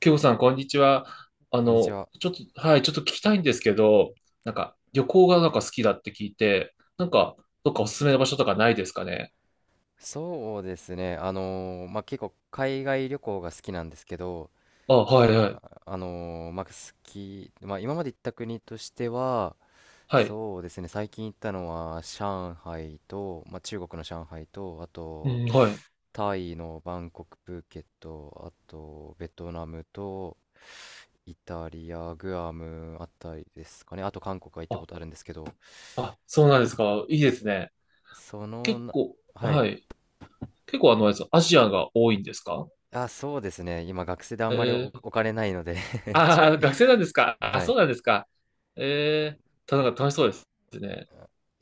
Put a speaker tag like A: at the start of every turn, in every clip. A: ケイコさん、こんにちは。
B: こんにちは。
A: ちょっと、はい、ちょっと聞きたいんですけど、なんか、旅行がなんか好きだって聞いて、なんか、どっかおすすめの場所とかないですかね？
B: そうですね。まあ、結構海外旅行が好きなんですけど、
A: あ、はい、はい。
B: あ、まあ、まあ、今まで行った国としては、
A: はい。
B: そうですね。最近行ったのは上海と、まあ、中国の上海と、あ
A: う
B: と
A: ん、はい。
B: タイのバンコク、プーケット、あとベトナムとイタリア、グアムあたりですかね。あと韓国は行ったこ
A: あ、
B: とあるんですけど、
A: あ、そうなんですか。いいですね。
B: その
A: 結
B: な、
A: 構、
B: はい。
A: はい。結構、あれです、アジアが多いんですか？
B: あ、そうですね。今、学生であんまりお、
A: えー、
B: お金ないので、 ち
A: 学生なんですかあ、
B: は
A: そ
B: い。
A: うなんですか。えー、なんか楽しそうですね。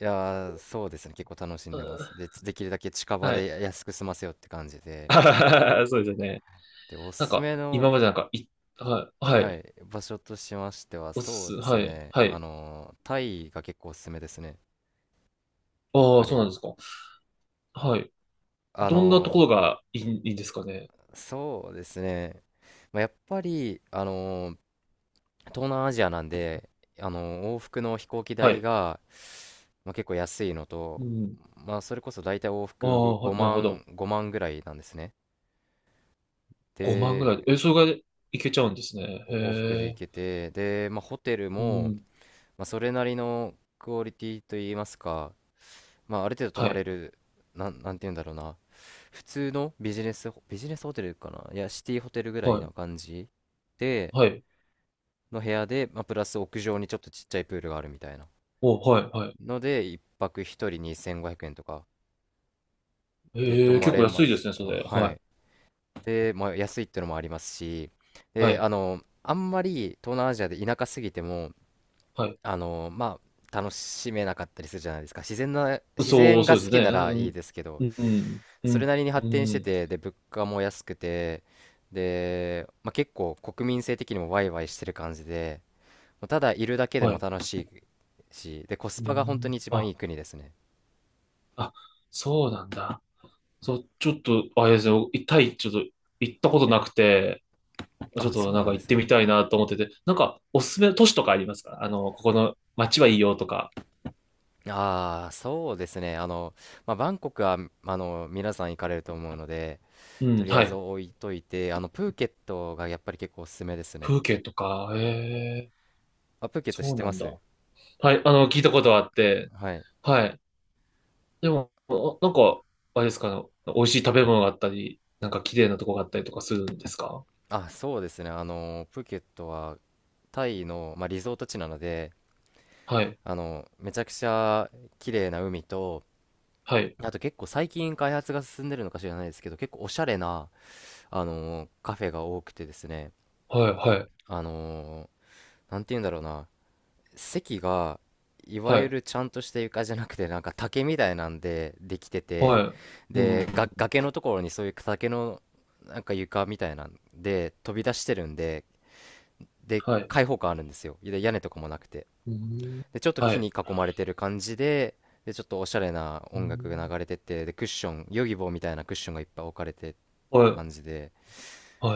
B: いやー、そうですね。結構楽しん
A: う
B: でま
A: ん、
B: す。で、できるだけ近場
A: は
B: で
A: い。
B: 安く済ませようって感じで。
A: あははは、そうですよね。
B: で、お
A: なん
B: すす
A: か、
B: め
A: 今
B: の、
A: までなんか、はい、は
B: は
A: い。
B: い、場所としましては、
A: おす
B: そう
A: す、
B: です
A: はい、
B: ね。
A: はい。
B: タイが結構おすすめですね。やっ
A: ああ、
B: ぱ
A: そうな
B: り、
A: んですか。はい。
B: あ
A: どんなとこ
B: の
A: ろがいいんですかね。
B: そうですね。まあ、やっぱり、東南アジアなんで、往復の飛行機
A: は
B: 代
A: い。
B: が、まあ、結構安いの
A: う
B: と、
A: ん。
B: まあ、それこそ大体往
A: あ
B: 復
A: あ、なる
B: 5
A: ほど。
B: 万、5万ぐらいなんですね。
A: 5万ぐ
B: で、
A: らい。え、それがいけちゃうんですね。へ
B: 往復で行
A: え。
B: けて、で、まあ、ホテル
A: う
B: も、
A: ん。
B: まあ、それなりのクオリティといいますか、まあ、ある程度泊
A: は
B: まれ
A: い。
B: る、なんて言うんだろうな、普通のビジネスホテルかな、いや、シティホテルぐら
A: は
B: いな
A: い。
B: 感じで、
A: はい。
B: の部屋で、まあ、プラス屋上にちょっとちっちゃいプールがあるみたいな。
A: お、はい、はい。
B: ので、一泊一人2500円とかで泊
A: ええ、
B: ま
A: 結構
B: れ
A: 安
B: ま
A: いで
B: す。
A: すね、そ
B: あ、
A: れ。
B: は
A: はい。
B: い。で、まあ、安いってのもありますし、
A: は
B: で、
A: い。
B: あんまり東南アジアで田舎すぎても、
A: はい。
B: まあ、楽しめなかったりするじゃないですか。自然な、自
A: そ
B: 然
A: う、
B: が
A: そう
B: 好
A: です
B: き
A: ね。
B: ならいいですけど、
A: うん。うん。う
B: それ
A: ん。
B: なりに
A: う
B: 発展して
A: ん。
B: て、で、物価も安くて、で、まあ、結構国民性的にもワイワイしてる感じで、もうただいるだけで
A: は
B: も
A: い。
B: 楽しいし、で、コス
A: う
B: パが本当に
A: ん。
B: 一番い
A: あ、
B: い国ですね。
A: あ、そうなんだ。そう、ちょっと、あれですね。タイ、ちょっと行ったことなくて、ちょっ
B: あ、
A: と
B: そう
A: なん
B: なん
A: か
B: で
A: 行っ
B: す
A: て
B: ね。
A: みたいなと思ってて、なんかおすすめの都市とかありますか？ここの街はいいよとか。
B: ああ、そうですね。まあ、バンコクは、皆さん行かれると思うので、
A: う
B: と
A: ん、
B: りあ
A: は
B: えず
A: い。
B: 置いといて、プーケットがやっぱり結構おすすめですね。
A: 風景とか、ええ、
B: あ、プーケット知
A: そ
B: っ
A: う
B: て
A: な
B: ま
A: んだ。
B: す？
A: はい、聞いたことはあって、
B: はい。
A: はい。でも、なんか、あれですかね、美味しい食べ物があったり、なんか綺麗なとこがあったりとかするんですか？
B: あ、そうですね。プーケットはタイの、まあ、リゾート地なので、
A: はい、
B: めちゃくちゃ綺麗な海と、
A: はい、
B: あと結構最近開発が進んでるのか知らないですけど、結構おしゃれな、カフェが多くてですね、
A: はい、はい、
B: あの、なんて言うんだろうな。席がいわ
A: は
B: ゆ
A: い、
B: るちゃんとした床じゃなくて、なんか竹みたいなんでできてて、
A: はい、うん、う
B: でが
A: ん、
B: 崖のところにそういう竹の、なんか床みたいなんで飛び出してるんで、で
A: はい、
B: 開放感あるんですよ。で屋根とかもなくて、
A: うん、
B: でちょっと
A: は
B: 木に
A: い、
B: 囲まれてる感じで、でちょっとおしゃれな
A: う
B: 音楽が
A: ん、
B: 流れてて、でクッション、ヨギボーみたいなクッションがいっぱい置かれてる
A: はい、
B: 感じで、
A: は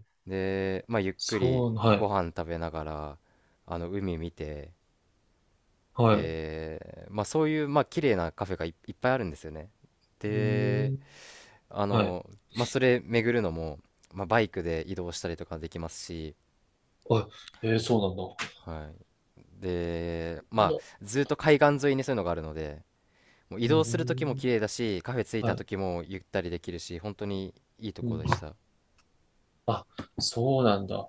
A: い、
B: でまあゆっくり
A: そう、は
B: ご
A: い、
B: 飯食べながら、あの海見て、
A: はい、
B: で、まあ、そういう、まあ、綺麗なカフェがいっぱいあるんですよね。
A: う
B: で、
A: ん、
B: あ
A: はい。
B: の、まあ、それ巡るのも、まあ、バイクで移動したりとかできますし、
A: あ、そうなん
B: はい。で、ま
A: だ。
B: あ、ずっと海岸沿いにそういうのがあるので、もう移
A: うー
B: 動する時も綺
A: ん。
B: 麗だし、カフェ着いた
A: はい。
B: 時もゆったりできるし、本当にいいと
A: う
B: こ
A: ん。
B: でした。
A: あ、そうなんだ。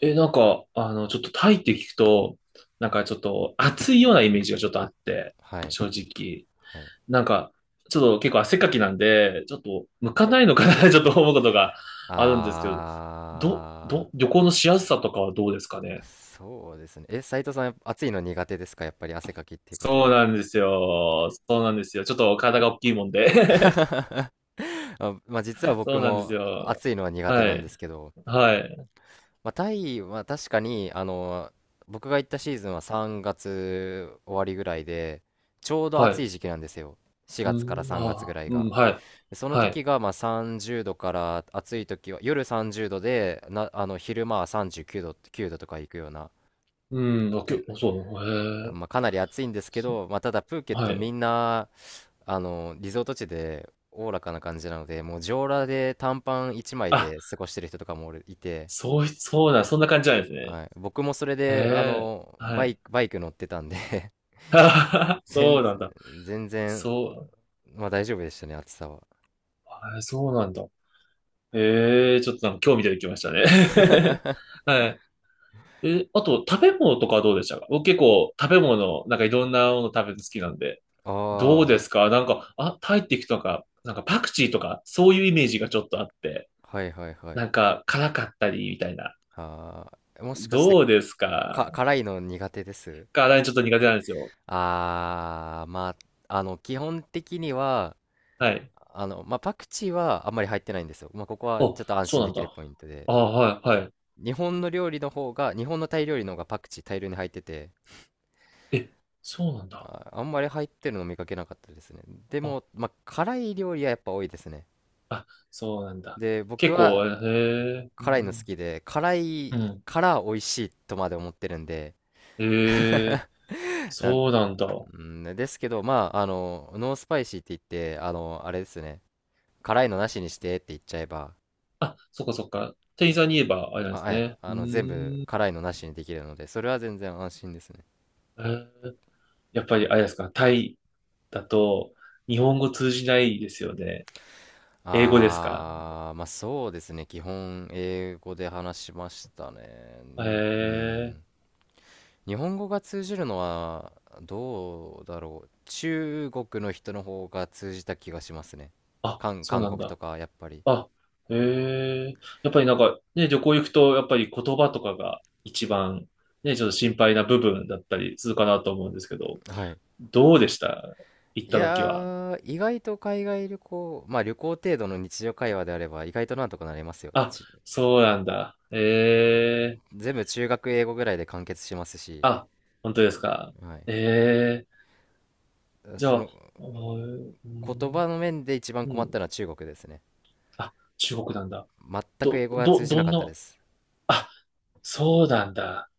A: え、なんか、ちょっとタイって聞くと、なんかちょっと暑いようなイメージがちょっとあって、
B: はい。
A: 正直。
B: はい。
A: なんか、ちょっと結構汗っかきなんで、ちょっと向かないのかな ちょっと思うことがあるんですけど、
B: あ
A: 旅行のしやすさとかはどうですかね？
B: そうですね。斉藤さん、暑いの苦手ですか？やっぱり汗かきっていうこと
A: そう
B: は。
A: なんですよ。そうなんですよ。ちょっと体が大きいもんで
B: あ、まあ、実は 僕
A: そうなんです
B: も
A: よ。
B: 暑いのは苦手
A: は
B: なんで
A: い。
B: すけど、
A: はい。
B: まあ、タイは確かに僕が行ったシーズンは3月終わりぐらいで、ちょうど
A: は
B: 暑
A: い。
B: い時期なんですよ。
A: う
B: 4月から
A: ん、
B: 3月
A: あ
B: ぐ
A: あ、
B: らい
A: う
B: が、
A: ん、はい。
B: でその
A: はい。
B: 時がまあ30度から、暑い時は夜30度で、な昼間は39度とか行くような、
A: うん、あ、
B: うん
A: そう、へえ、
B: まあ、かなり暑いんですけ
A: そ
B: ど、まあ、ただプーケッ
A: は
B: トみ
A: い。
B: んなリゾート地でおおらかな感じなので、もう上裸で短パン1枚
A: あ、
B: で過ごしてる人とかもおるいて、
A: そうい、そうだ、そんな感じなんですね。
B: はい、僕もそれ
A: へ
B: で、
A: え、は
B: バイ
A: い。
B: ク、バイク乗ってたんで、
A: あはは、 そ
B: 全、
A: うなんだ。
B: 全然、
A: そ
B: まあ大丈夫でしたね、暑さは。
A: う、え、そうなんだ。ええ、ちょっとなんか興味出てきましたね。はい。え、あと、食べ物とかはどうでしたか？僕結構食べ物、なんかいろんなもの食べるの好きなんで。どう
B: あ
A: です
B: あ、
A: か？なんか、あ、タイっていくとか、なんかパクチーとか、そういうイメージがちょっとあって。
B: はいはいはい。
A: なんか、辛かったり、みたいな。
B: ああ、もしかして、
A: どうですか？
B: 辛いの苦手です？
A: 辛いのちょっと苦手なんですよ。
B: ああ、まあ、基本的には、
A: はい。
B: まあ、パクチーはあんまり入ってないんですよ。まあ、ここは
A: お、
B: ちょっと安
A: そう
B: 心
A: なん
B: できる
A: だ。
B: ポイントで。
A: あ、はい、はい。
B: 日本の料理の方が、日本のタイ料理の方がパクチー大量に入ってて、
A: え、そうなんだ。
B: あ、あんまり入ってるの見かけなかったですね。で
A: あ、
B: も、まあ、辛い料理はやっぱ多いですね。
A: あ、そうなんだ。
B: で、僕
A: 結構、
B: は
A: へえ、う
B: 辛いの好
A: ん。
B: きで、辛
A: う
B: い
A: ん、
B: から美味しいとまで思ってるんで、
A: へえ、
B: なん、
A: そうなんだ。
B: うんですけど、まあ、ノースパイシーって言って、あれですね、辛いのなしにしてって言っちゃえば、
A: あ、そっかそっか。店員さんに言えば、あれなんで
B: あ、
A: す
B: はい、
A: ね。う
B: 全部
A: ーん。
B: 辛いのなしにできるので、それは全然安心ですね。
A: えーやっぱり、あれですか。タイだと、日本語通じないですよね？英語ですか？
B: まあそうですね。基本英語で話しましたね。
A: へ
B: う
A: え
B: ん。
A: ー、
B: 日本語が通じるのはどうだろう。中国の人の方が通じた気がしますね。
A: あ、
B: 韓、
A: そう
B: 韓
A: なん
B: 国と
A: だ。
B: かやっぱり。
A: あ、へえ。やっぱりなんか、ね、旅行行くと、やっぱり言葉とかが一番、ね、ちょっと心配な部分だったりするかなと思うんですけど、
B: はい。
A: どうでした、行っ
B: い
A: た時
B: や
A: は？
B: ー、意外と海外旅行、まあ旅行程度の日常会話であれば意外となんとかなりますよ。
A: あ、そうなんだ。ええ。
B: 全部中学英語ぐらいで完結しますし、
A: あ、本当ですか？
B: はい。
A: ええ。じゃ
B: そ
A: あ、
B: の
A: おー、う
B: 言
A: ん、
B: 葉の面で一番
A: う
B: 困った
A: ん。
B: のは中国ですね。
A: あ、中国なんだ。
B: 全く英語が通じな
A: ど
B: か
A: ん
B: った
A: な、
B: です。
A: あ、そうなんだ。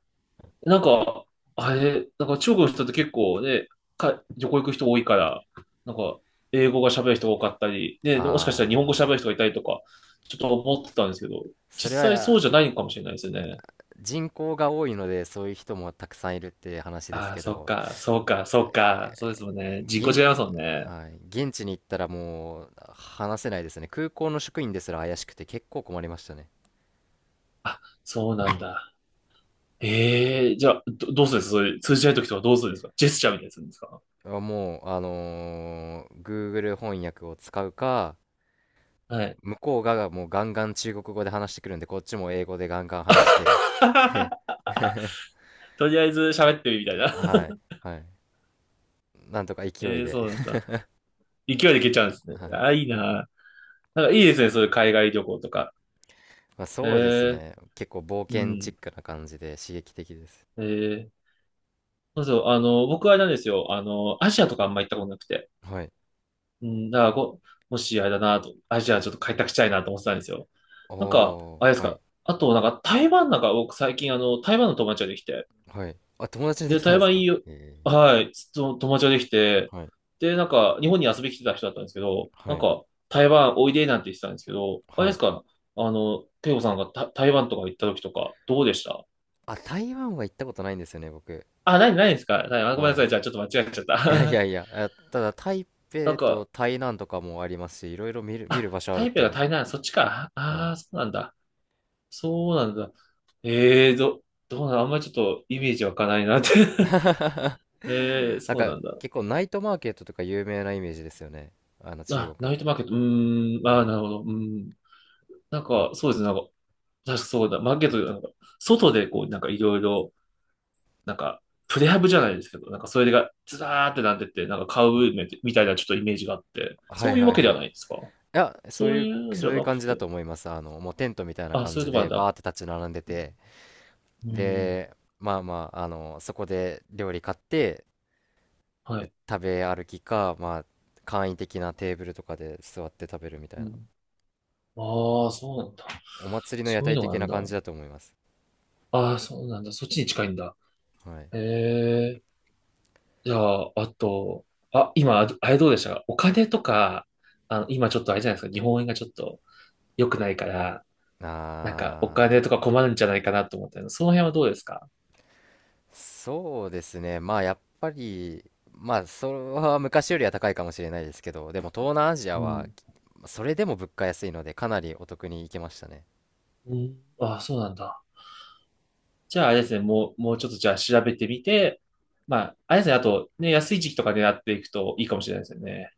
A: なんか、あれ、なんか中国の人って結構ね、旅行行く人多いから、なんか、英語が喋る人が多かったり、ね、もしかしたら日本語
B: あ
A: 喋る人
B: あ、
A: がいたりとか、ちょっと思ってたんですけど、
B: それ
A: 実際そう
B: は
A: じゃないのかもしれないですよね。
B: 人口が多いのでそういう人もたくさんいるって話です
A: ああ、
B: け
A: そっ
B: ど、
A: か、そうか、そうか、そうですもんね。人口
B: 現、
A: 違いますもんね。
B: はい、現地に行ったらもう話せないですね。空港の職員ですら怪しくて結構困りましたね。
A: あ、そうなんだ。ええ、じゃあ、どうするんですか？それ通じない時とかどうするんですか？ジェスチャーみたいにするんですか？
B: あもう、Google 翻訳を使うか、
A: はい。
B: 向こうがもうガンガン中国語で話してくるんで、こっちも英語でガンガン話 して、
A: とりあえず喋ってみるみたい
B: はい、
A: な。
B: はい、なんとか 勢
A: え
B: い
A: え、
B: で、
A: そうなんだ。勢いでいけちゃうんです ね。
B: は
A: あ
B: い。
A: あ、いいな。なんかいいですね、そういう海外旅行とか。
B: まあ、
A: え
B: そうです
A: え、
B: ね。結構冒
A: う
B: 険チッ
A: ん。
B: クな感じで刺激的です。
A: ええ。そうそう、僕はあれなんですよ。アジアとかあんま行ったことなくて。
B: はい。
A: うん、だからもしあれだなと、アジアちょっと開拓したいなと思ってたんですよ。
B: あ
A: なんか、
B: あ、
A: あれです
B: はい、
A: か。あと、なんか台湾、なんか僕最近台湾の友達ができて。
B: はい。あ、友達にで
A: で、
B: きたん
A: 台
B: です
A: 湾
B: か？
A: いいよ、
B: え
A: はい、と友達ができて。
B: ー、はい、
A: で、なんか、日本に遊びに来てた人だったんですけど、
B: は
A: なん
B: い、
A: か、台湾おいでなんて言ってたんですけど、あれ
B: は
A: です
B: い。
A: か。ケイコさんがた台湾とか行った時とか、どうでした？
B: あ、台湾は行ったことないんですよね、僕。
A: あ、ないですか、ないあごめんなさ
B: は
A: い。じゃあ、ちょっと間違えちゃっ
B: い。いやい
A: た。
B: やいや、あ、ただ台
A: なん
B: 北と
A: か、
B: 台南とかもありますし、いろいろ見る
A: あ、
B: 場所あるっ
A: 台北
B: て
A: が台南、そっちか。
B: はい。
A: ああ、そうなんだ。そうなんだ。ええー、どうなん、あんまりちょっとイメージ湧かないなって ええー、
B: なん
A: そう
B: か
A: なんだ。
B: 結構ナイトマーケットとか有名なイメージですよね。中国
A: あ、ナ
B: っ
A: イト
B: て。
A: マーケット、うーん、ああ、なるほど。うーん。なんか、そうですね。なんか、確かそうだ。マーケット、なんか、外でこう、なんかいろいろ、なんか、プレハブじゃないですけど、なんかそれがずらーってなってて、なんか買うみたいなちょっとイメージがあって、
B: は
A: そ
B: い、
A: ういう
B: はいは
A: わ
B: い
A: けで
B: は
A: は
B: い。
A: ないですか？
B: いや、そう
A: そう
B: い
A: い
B: う、
A: うんじ
B: そう
A: ゃ
B: いう
A: な
B: 感
A: く
B: じだ
A: て。
B: と思います。もうテントみたいな
A: あ、
B: 感
A: そういう
B: じ
A: とこな
B: で、
A: ん
B: バー
A: だ。
B: って立ち並んでて、
A: うん。
B: で、まあまあ、そこで料理買って、
A: はい。
B: 食べ歩きか、まあ、簡易的なテーブルとかで座って食べるみた
A: う
B: いな、
A: ん。ああ、そうなんだ。
B: お祭りの屋
A: そういう
B: 台
A: のがあ
B: 的
A: るん
B: な
A: だ。
B: 感じだと思います。
A: ああ、そうなんだ。そっちに近いんだ。
B: はい。
A: へえ。じゃあ、あと、あ、今、あ、あれどうでした、お金とか？今ちょっとあれじゃないですか。日本円がちょっと良くないから、なんかお
B: あ
A: 金とか困るんじゃないかなと思ったけど、その辺はどうですか？
B: そうですね。まあ、やっぱり、まあ、それは昔よりは高いかもしれないですけど、でも東南アジア
A: う
B: は、
A: ん。
B: それでも物価安いので、かなりお得に行けましたね。
A: うん。ああ、そうなんだ。じゃあ、あれですね。もう、もうちょっとじゃあ調べてみて、まあ、あれですね。あと、ね、安い時期とか狙っていくといいかもしれないですよね。